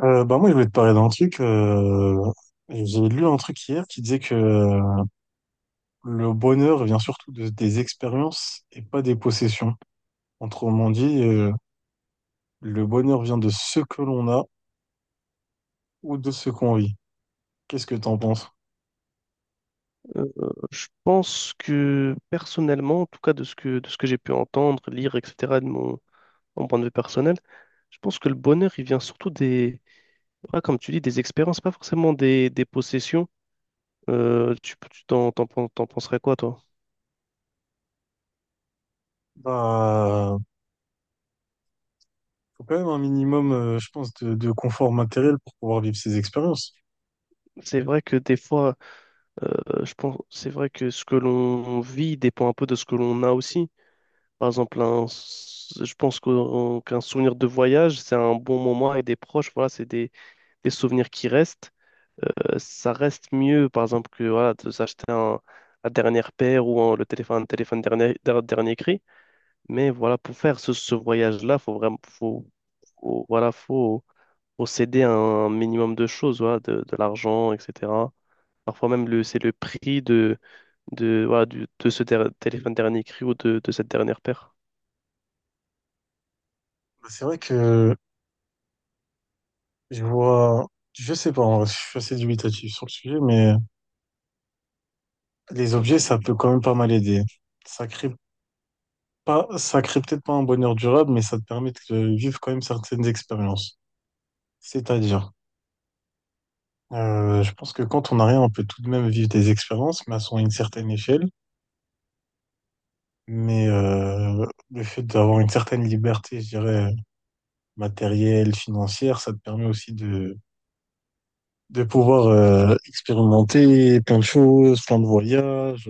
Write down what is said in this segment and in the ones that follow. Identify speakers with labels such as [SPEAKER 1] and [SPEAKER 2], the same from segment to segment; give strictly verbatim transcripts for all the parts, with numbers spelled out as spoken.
[SPEAKER 1] Euh, bah moi, je voulais te parler d'un truc. Euh, j'ai lu un truc hier qui disait que euh, le bonheur vient surtout de- des expériences et pas des possessions. Autrement dit, euh, le bonheur vient de ce que l'on a ou de ce qu'on vit. Qu'est-ce que t'en penses?
[SPEAKER 2] Euh, je pense que personnellement, en tout cas de ce que, de ce que j'ai pu entendre, lire, et cetera, de mon, mon point de vue personnel, je pense que le bonheur, il vient surtout des, voilà, comme tu dis, des expériences, pas forcément des, des possessions. Euh, tu tu t'en, t'en, pen- t'en penserais quoi, toi?
[SPEAKER 1] Bah, faut quand même un minimum, euh, je pense, de, de confort matériel pour pouvoir vivre ces expériences.
[SPEAKER 2] C'est vrai que des fois, euh, je pense, c'est vrai que ce que l'on vit dépend un peu de ce que l'on a aussi. Par exemple, un, s- je pense qu'un qu'un souvenir de voyage, c'est un bon moment avec des proches, voilà, c'est des, des souvenirs qui restent. Euh, ça reste mieux, par exemple, que voilà, de s'acheter un, la dernière paire ou un- le téléphone, téléphone dernier, der- dernier cri. Mais voilà, pour faire ce, ce voyage-là, faut vraiment, faut, faut- voilà, faut, faut céder à un minimum de choses, voilà, de, de l'argent, et cetera. Parfois même, le, c'est le prix de, de, voilà, du, de ce der- téléphone dernier cri ou de, de cette dernière paire.
[SPEAKER 1] Bah, c'est vrai que je vois, je sais pas, en vrai, je suis assez dubitatif sur le sujet, mais les objets, ça peut quand même pas mal aider. Ça crée Pas, ça crée peut-être pas un bonheur durable, mais ça te permet de euh, vivre quand même certaines expériences. C'est-à-dire, euh, je pense que quand on n'a rien, on peut tout de même vivre des expériences, mais elles sont à une certaine échelle. Mais euh, le fait d'avoir une certaine liberté, je dirais, matérielle, financière, ça te permet aussi de, de pouvoir euh, expérimenter plein de choses, plein de voyages,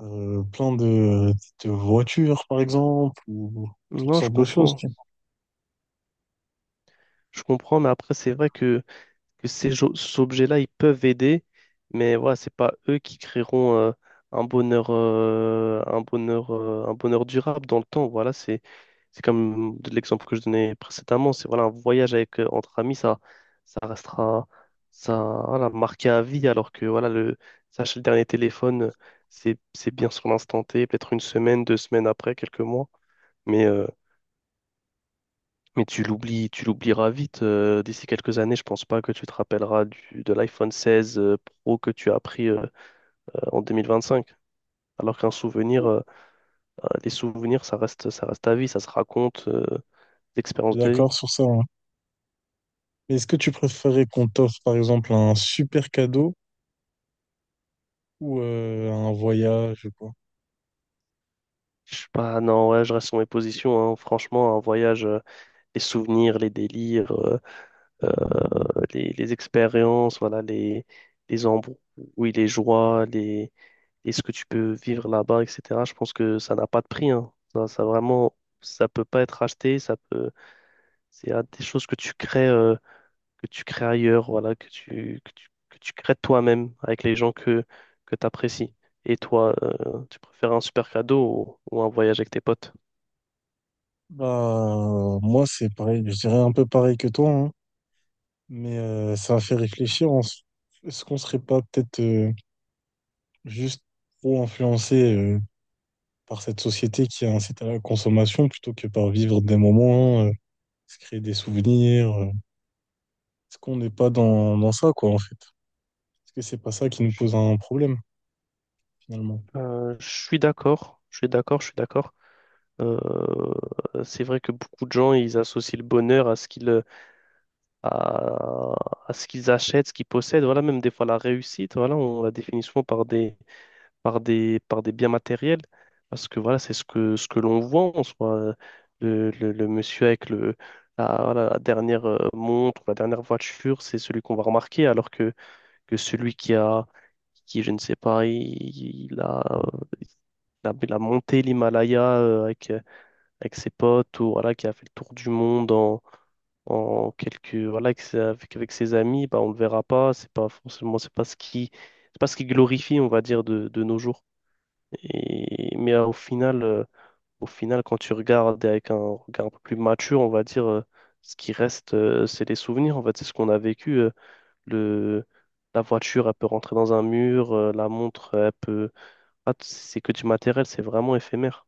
[SPEAKER 1] euh, plein de, de voitures, par exemple, ou toutes
[SPEAKER 2] Non, je
[SPEAKER 1] sortes de choses.
[SPEAKER 2] comprends.
[SPEAKER 1] Tu
[SPEAKER 2] Je comprends, mais après, c'est vrai que que ces jo- objets-là, ils peuvent aider, mais voilà, c'est pas eux qui créeront euh, un bonheur, euh, un bonheur, euh, un bonheur durable dans le temps. Voilà, c'est c'est comme de l'exemple que je donnais précédemment. C'est voilà, un voyage avec euh, entre amis, ça ça restera ça voilà, marqué à vie, alors que voilà le s'acheter le dernier téléphone, c'est c'est bien sur l'instant T, peut-être une semaine, deux semaines après, quelques mois, mais euh, mais tu l'oublies, tu l'oublieras vite. Euh, d'ici quelques années, je pense pas que tu te rappelleras du, de l'iPhone seize euh, Pro que tu as pris euh, euh, en vingt vingt-cinq. Alors qu'un souvenir,
[SPEAKER 1] vois.
[SPEAKER 2] euh, euh, les souvenirs, ça reste, ça reste à vie, ça se raconte, euh,
[SPEAKER 1] Je
[SPEAKER 2] l'expérience
[SPEAKER 1] suis
[SPEAKER 2] de vie.
[SPEAKER 1] d'accord sur ça, hein. Mais est-ce que tu préférais qu'on t'offre, par exemple, un super cadeau ou euh, un voyage, je sais pas?
[SPEAKER 2] Je sais pas, non, ouais, je reste sur mes positions, hein. Franchement, un voyage, euh, les souvenirs, les délires, euh, euh, les, les expériences, voilà, les, les embrouilles, les joies, les, et ce que tu peux vivre là-bas, et cetera. Je pense que ça n'a pas de prix, hein. Ça, ça vraiment, ça peut pas être acheté, ça peut, c'est euh, des choses que tu crées, euh, que tu crées ailleurs, voilà, que tu, que tu, que tu crées toi-même avec les gens que, que tu apprécies. Et toi, euh, tu préfères un super cadeau ou, ou un voyage avec tes potes?
[SPEAKER 1] Bah, moi, c'est pareil. Je dirais un peu pareil que toi, hein. mais euh, ça a fait réfléchir. en s- Est-ce qu'on serait pas peut-être euh, juste trop influencé euh, par cette société qui incite à la consommation plutôt que par vivre des moments, euh, se créer des souvenirs? euh. Est-ce qu'on n'est pas dans, dans ça, quoi, en fait? Est-ce que c'est pas ça qui nous
[SPEAKER 2] Je
[SPEAKER 1] pose un problème, finalement?
[SPEAKER 2] euh, je suis d'accord, je suis d'accord, je suis d'accord. Euh, c'est vrai que beaucoup de gens, ils associent le bonheur à ce qu'ils à, à ce qu'ils achètent, ce qu'ils possèdent. Voilà, même des fois la réussite, voilà, on la définit souvent par des, par des, par des biens matériels, parce que voilà, c'est ce que, ce que l'on voit en soi. Euh, Le, le, le monsieur avec le, la, voilà, la dernière euh, montre, la dernière voiture, c'est celui qu'on va remarquer, alors que, que celui qui a, qui, je ne sais pas, il, il a, euh, il a, il a monté l'Himalaya euh, avec, avec ses potes, ou voilà, qui a fait le tour du monde en, en quelques voilà avec, ses- avec, avec ses amis, bah on le verra pas, c'est pas forcément, c'est pas ce qui c'est pas ce qui glorifie, on va dire, de, de nos jours. Et mais euh, au final euh, au final quand tu regardes avec un regard un peu plus mature, on va dire, euh, ce qui reste, euh, c'est les souvenirs, en fait, c'est ce qu'on a vécu. euh, le La voiture, elle peut rentrer dans un mur. Euh, la montre, elle peut... Ah, c'est que du matériel, c'est vraiment éphémère.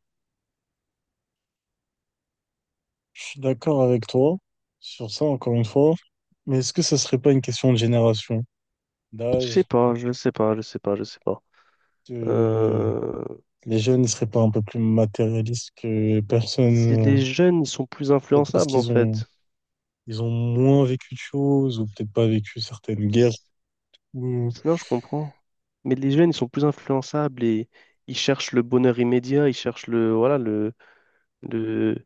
[SPEAKER 1] Je suis d'accord avec toi sur ça, encore une fois. Mais est-ce que ça serait pas une question de génération,
[SPEAKER 2] Je sais
[SPEAKER 1] d'âge,
[SPEAKER 2] pas, je sais pas, je sais pas, je sais pas.
[SPEAKER 1] de...
[SPEAKER 2] Euh,
[SPEAKER 1] les jeunes ne seraient pas un peu plus matérialistes que
[SPEAKER 2] C'est
[SPEAKER 1] personne, euh,
[SPEAKER 2] les jeunes, ils sont plus
[SPEAKER 1] peut-être parce
[SPEAKER 2] influençables, en
[SPEAKER 1] qu'ils ont
[SPEAKER 2] fait.
[SPEAKER 1] ils ont moins vécu de choses ou peut-être pas vécu certaines guerres.
[SPEAKER 2] C'est-
[SPEAKER 1] ou-
[SPEAKER 2] Sinon, je comprends. Mais les jeunes, ils sont plus influençables et ils cherchent le bonheur immédiat, ils cherchent le, voilà, le, le,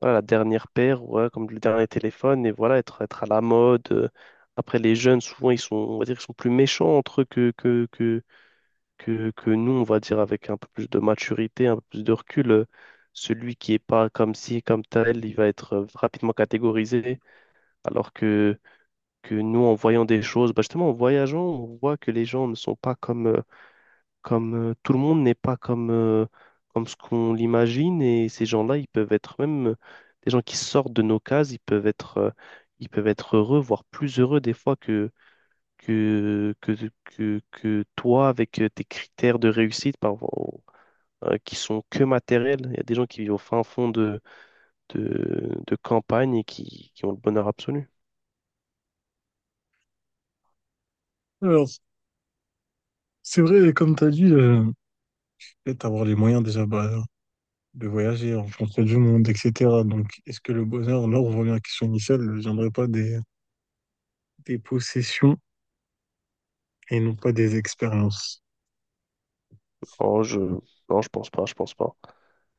[SPEAKER 2] voilà, la dernière paire, ouais, comme le dernier téléphone, et voilà, être, être à la mode. euh. Après, les jeunes, souvent, ils sont, on va dire, ils sont plus méchants entre eux que, que, que, que, que nous, on va dire, avec un peu plus de maturité, un peu plus de recul. euh, Celui qui est pas comme ci, comme tel, il va être euh, rapidement catégorisé, alors que que nous, en voyant des choses, bah, justement, en voyageant, on voit que les gens ne sont pas comme, euh, comme euh, tout le monde n'est pas comme, euh, comme ce qu'on l'imagine. Et ces gens-là, ils peuvent être même euh, des gens qui sortent de nos cases, ils peuvent être, euh, ils peuvent être heureux, voire plus heureux des fois que, que, que, que, que toi, avec euh, tes critères de réussite, par, euh, qui sont que matériels. Il y a des gens qui vivent au fin fond de, de, de campagne et qui, qui ont le bonheur absolu.
[SPEAKER 1] Alors, c'est vrai, comme tu as dit, euh, peut-être avoir les moyens déjà bah, de voyager, rencontrer du monde, et cetera. Donc, est-ce que le bonheur, là, on revient à la question initiale, ne viendrait pas des, des possessions et non pas des expériences?
[SPEAKER 2] Oh, je, non, je pense pas, je pense pas.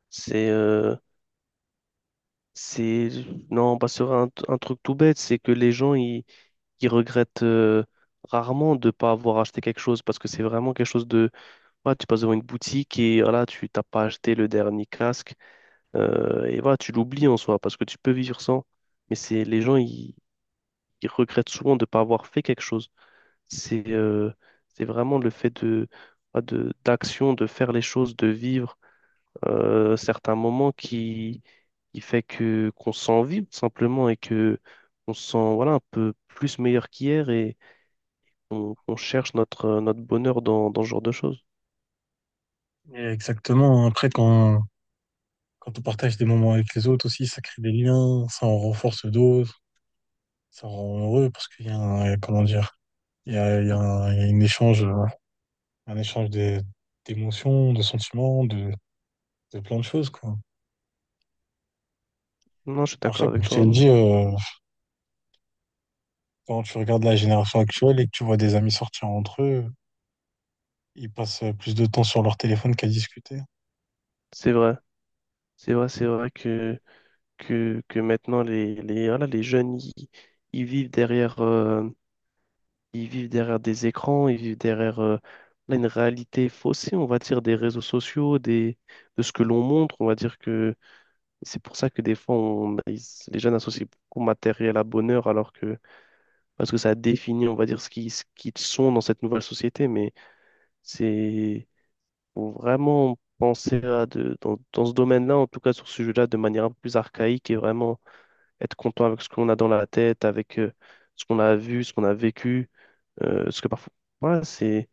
[SPEAKER 2] C'est euh, c'est non, pas sur un, un truc tout bête, c'est que les gens ils, ils regrettent euh, rarement de pas avoir acheté quelque chose parce que c'est vraiment quelque chose de voilà, tu passes devant une boutique et voilà, tu t'as pas acheté le dernier casque, euh, et voilà, tu l'oublies en soi parce que tu peux vivre sans. Mais c'est les gens ils, ils regrettent souvent de pas avoir fait quelque chose. C'est euh, c'est vraiment le fait de voilà, de d'action, de faire les choses, de vivre euh, certains moments qui, qui fait que qu'on s'envie tout simplement et que on se sent voilà, un peu plus meilleur qu'hier et on, on cherche notre, euh, notre bonheur dans, dans ce genre de choses.
[SPEAKER 1] Et exactement. Après, quand, quand on partage des moments avec les autres aussi, ça crée des liens, ça en renforce d'autres, ça rend heureux parce qu'il y a un, comment dire, il y a, il y a un, il y a une échange, euh, un échange des- d'émotions, de sentiments, de, de plein de choses, quoi.
[SPEAKER 2] Non, je suis d'accord
[SPEAKER 1] Après, comme
[SPEAKER 2] avec
[SPEAKER 1] je
[SPEAKER 2] toi,
[SPEAKER 1] t'ai
[SPEAKER 2] non.
[SPEAKER 1] dit, euh, quand tu regardes la génération actuelle et que tu vois des amis sortir entre eux, ils passent plus de temps sur leur téléphone qu'à discuter.
[SPEAKER 2] C'est vrai, c'est vrai, c'est vrai que, que, que maintenant les, les, voilà, les jeunes ils, ils vivent derrière, euh, ils vivent derrière des écrans, ils vivent derrière euh, là, une réalité faussée, on va dire, des réseaux sociaux, des, de ce que l'on montre. On va dire que c'est pour ça que des fois, on- ils- les jeunes associent beaucoup matériel à bonheur, alors que, parce que ça définit, on va dire, ce qu'ils ce qu'ils sont dans cette nouvelle société. Mais c'est, faut vraiment penser à de, dans, dans ce domaine-là, en tout cas sur ce sujet-là, de manière un peu plus archaïque et vraiment être content avec ce qu'on a dans la tête, avec euh, ce qu'on a vu, ce qu'on a vécu. Euh, ce que parfois, voilà, c'est,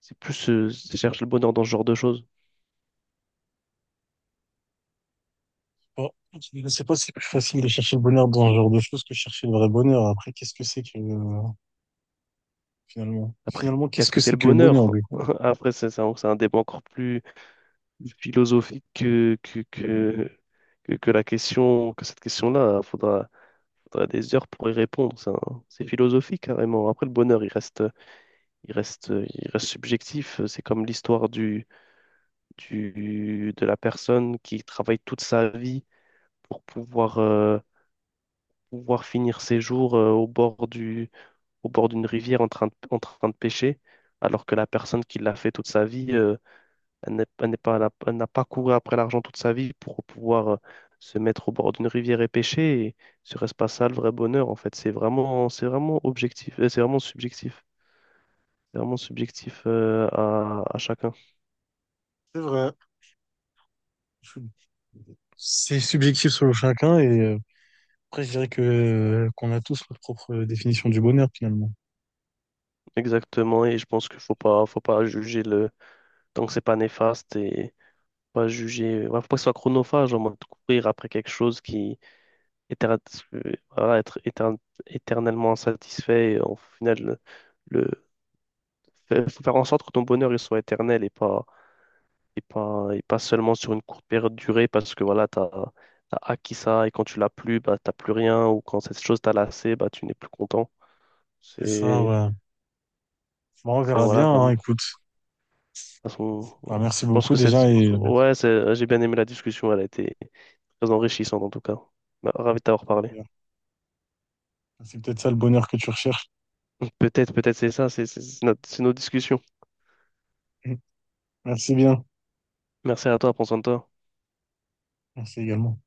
[SPEAKER 2] c'est plus, euh, je cherche le bonheur dans ce genre de choses.
[SPEAKER 1] Bon, je sais pas si c'est plus facile de chercher le bonheur dans ce genre de choses que chercher le vrai bonheur. Après, qu'est-ce que c'est que euh, finalement?
[SPEAKER 2] Après,
[SPEAKER 1] Finalement, qu'est-ce
[SPEAKER 2] qu'est-ce
[SPEAKER 1] que
[SPEAKER 2] que c'est
[SPEAKER 1] c'est
[SPEAKER 2] le
[SPEAKER 1] que le bonheur
[SPEAKER 2] bonheur?
[SPEAKER 1] du coup?
[SPEAKER 2] Après, c'est c'est un c'est un débat encore plus philosophique que, que, que, que, que la question, que cette question-là. Il faudra, faudra des heures pour y répondre. C'est un- c'est philosophique carrément. Après, le bonheur, il reste, il reste, il reste subjectif. C'est comme l'histoire du, du, de la personne qui travaille toute sa vie pour pouvoir, euh, pouvoir finir ses jours, euh, au bord du, au bord d'une rivière en train de, en train de pêcher, alors que la personne qui l'a fait toute sa vie, euh, Elle n'est elle n'est pas, elle a- elle n'a pas couru après l'argent toute sa vie pour pouvoir euh, se mettre au bord d'une rivière et pêcher. Et ce reste pas ça le vrai bonheur, en fait. C'est vraiment, c'est vraiment objectif, euh, c'est vraiment subjectif. C'est vraiment subjectif euh, à, à chacun.
[SPEAKER 1] C'est vrai. Je- c'est subjectif selon chacun et euh, après, je dirais que euh, qu'on a tous notre propre définition du bonheur finalement.
[SPEAKER 2] Exactement. Et je pense qu'il faut pas, faut pas juger le tant que c'est pas néfaste et pas juger. Ouais, faut pas que ce soit chronophage en mode courir après quelque chose qui éter- euh, voilà, être éter- éternellement insatisfait. Et au final, le, Fais- faut faire en sorte que ton bonheur il soit éternel et pas, et pas, et pas seulement sur une courte période de durée parce que voilà, t'as, t'as acquis ça et quand tu l'as plus, bah, t'as plus rien ou quand cette chose t'a lassé, bah, tu n'es plus content.
[SPEAKER 1] C'est ça,
[SPEAKER 2] C'est,
[SPEAKER 1] ouais. Bon, on
[SPEAKER 2] c'est
[SPEAKER 1] verra
[SPEAKER 2] voilà,
[SPEAKER 1] bien, hein,
[SPEAKER 2] vraiment. De
[SPEAKER 1] écoute.
[SPEAKER 2] toute façon,
[SPEAKER 1] Bah, merci
[SPEAKER 2] je pense
[SPEAKER 1] beaucoup
[SPEAKER 2] que c'est,
[SPEAKER 1] déjà et euh,
[SPEAKER 2] ouais, c'est- j'ai bien aimé la discussion, elle a été très enrichissante en tout cas. Bah, ravi de t'avoir parlé.
[SPEAKER 1] c'est peut-être ça le bonheur que tu recherches.
[SPEAKER 2] Peut-être, peut-être c'est ça, c'est c'est- c'est notre- c'est nos discussions.
[SPEAKER 1] Merci bien.
[SPEAKER 2] Merci à toi, prends soin de toi.
[SPEAKER 1] Merci également.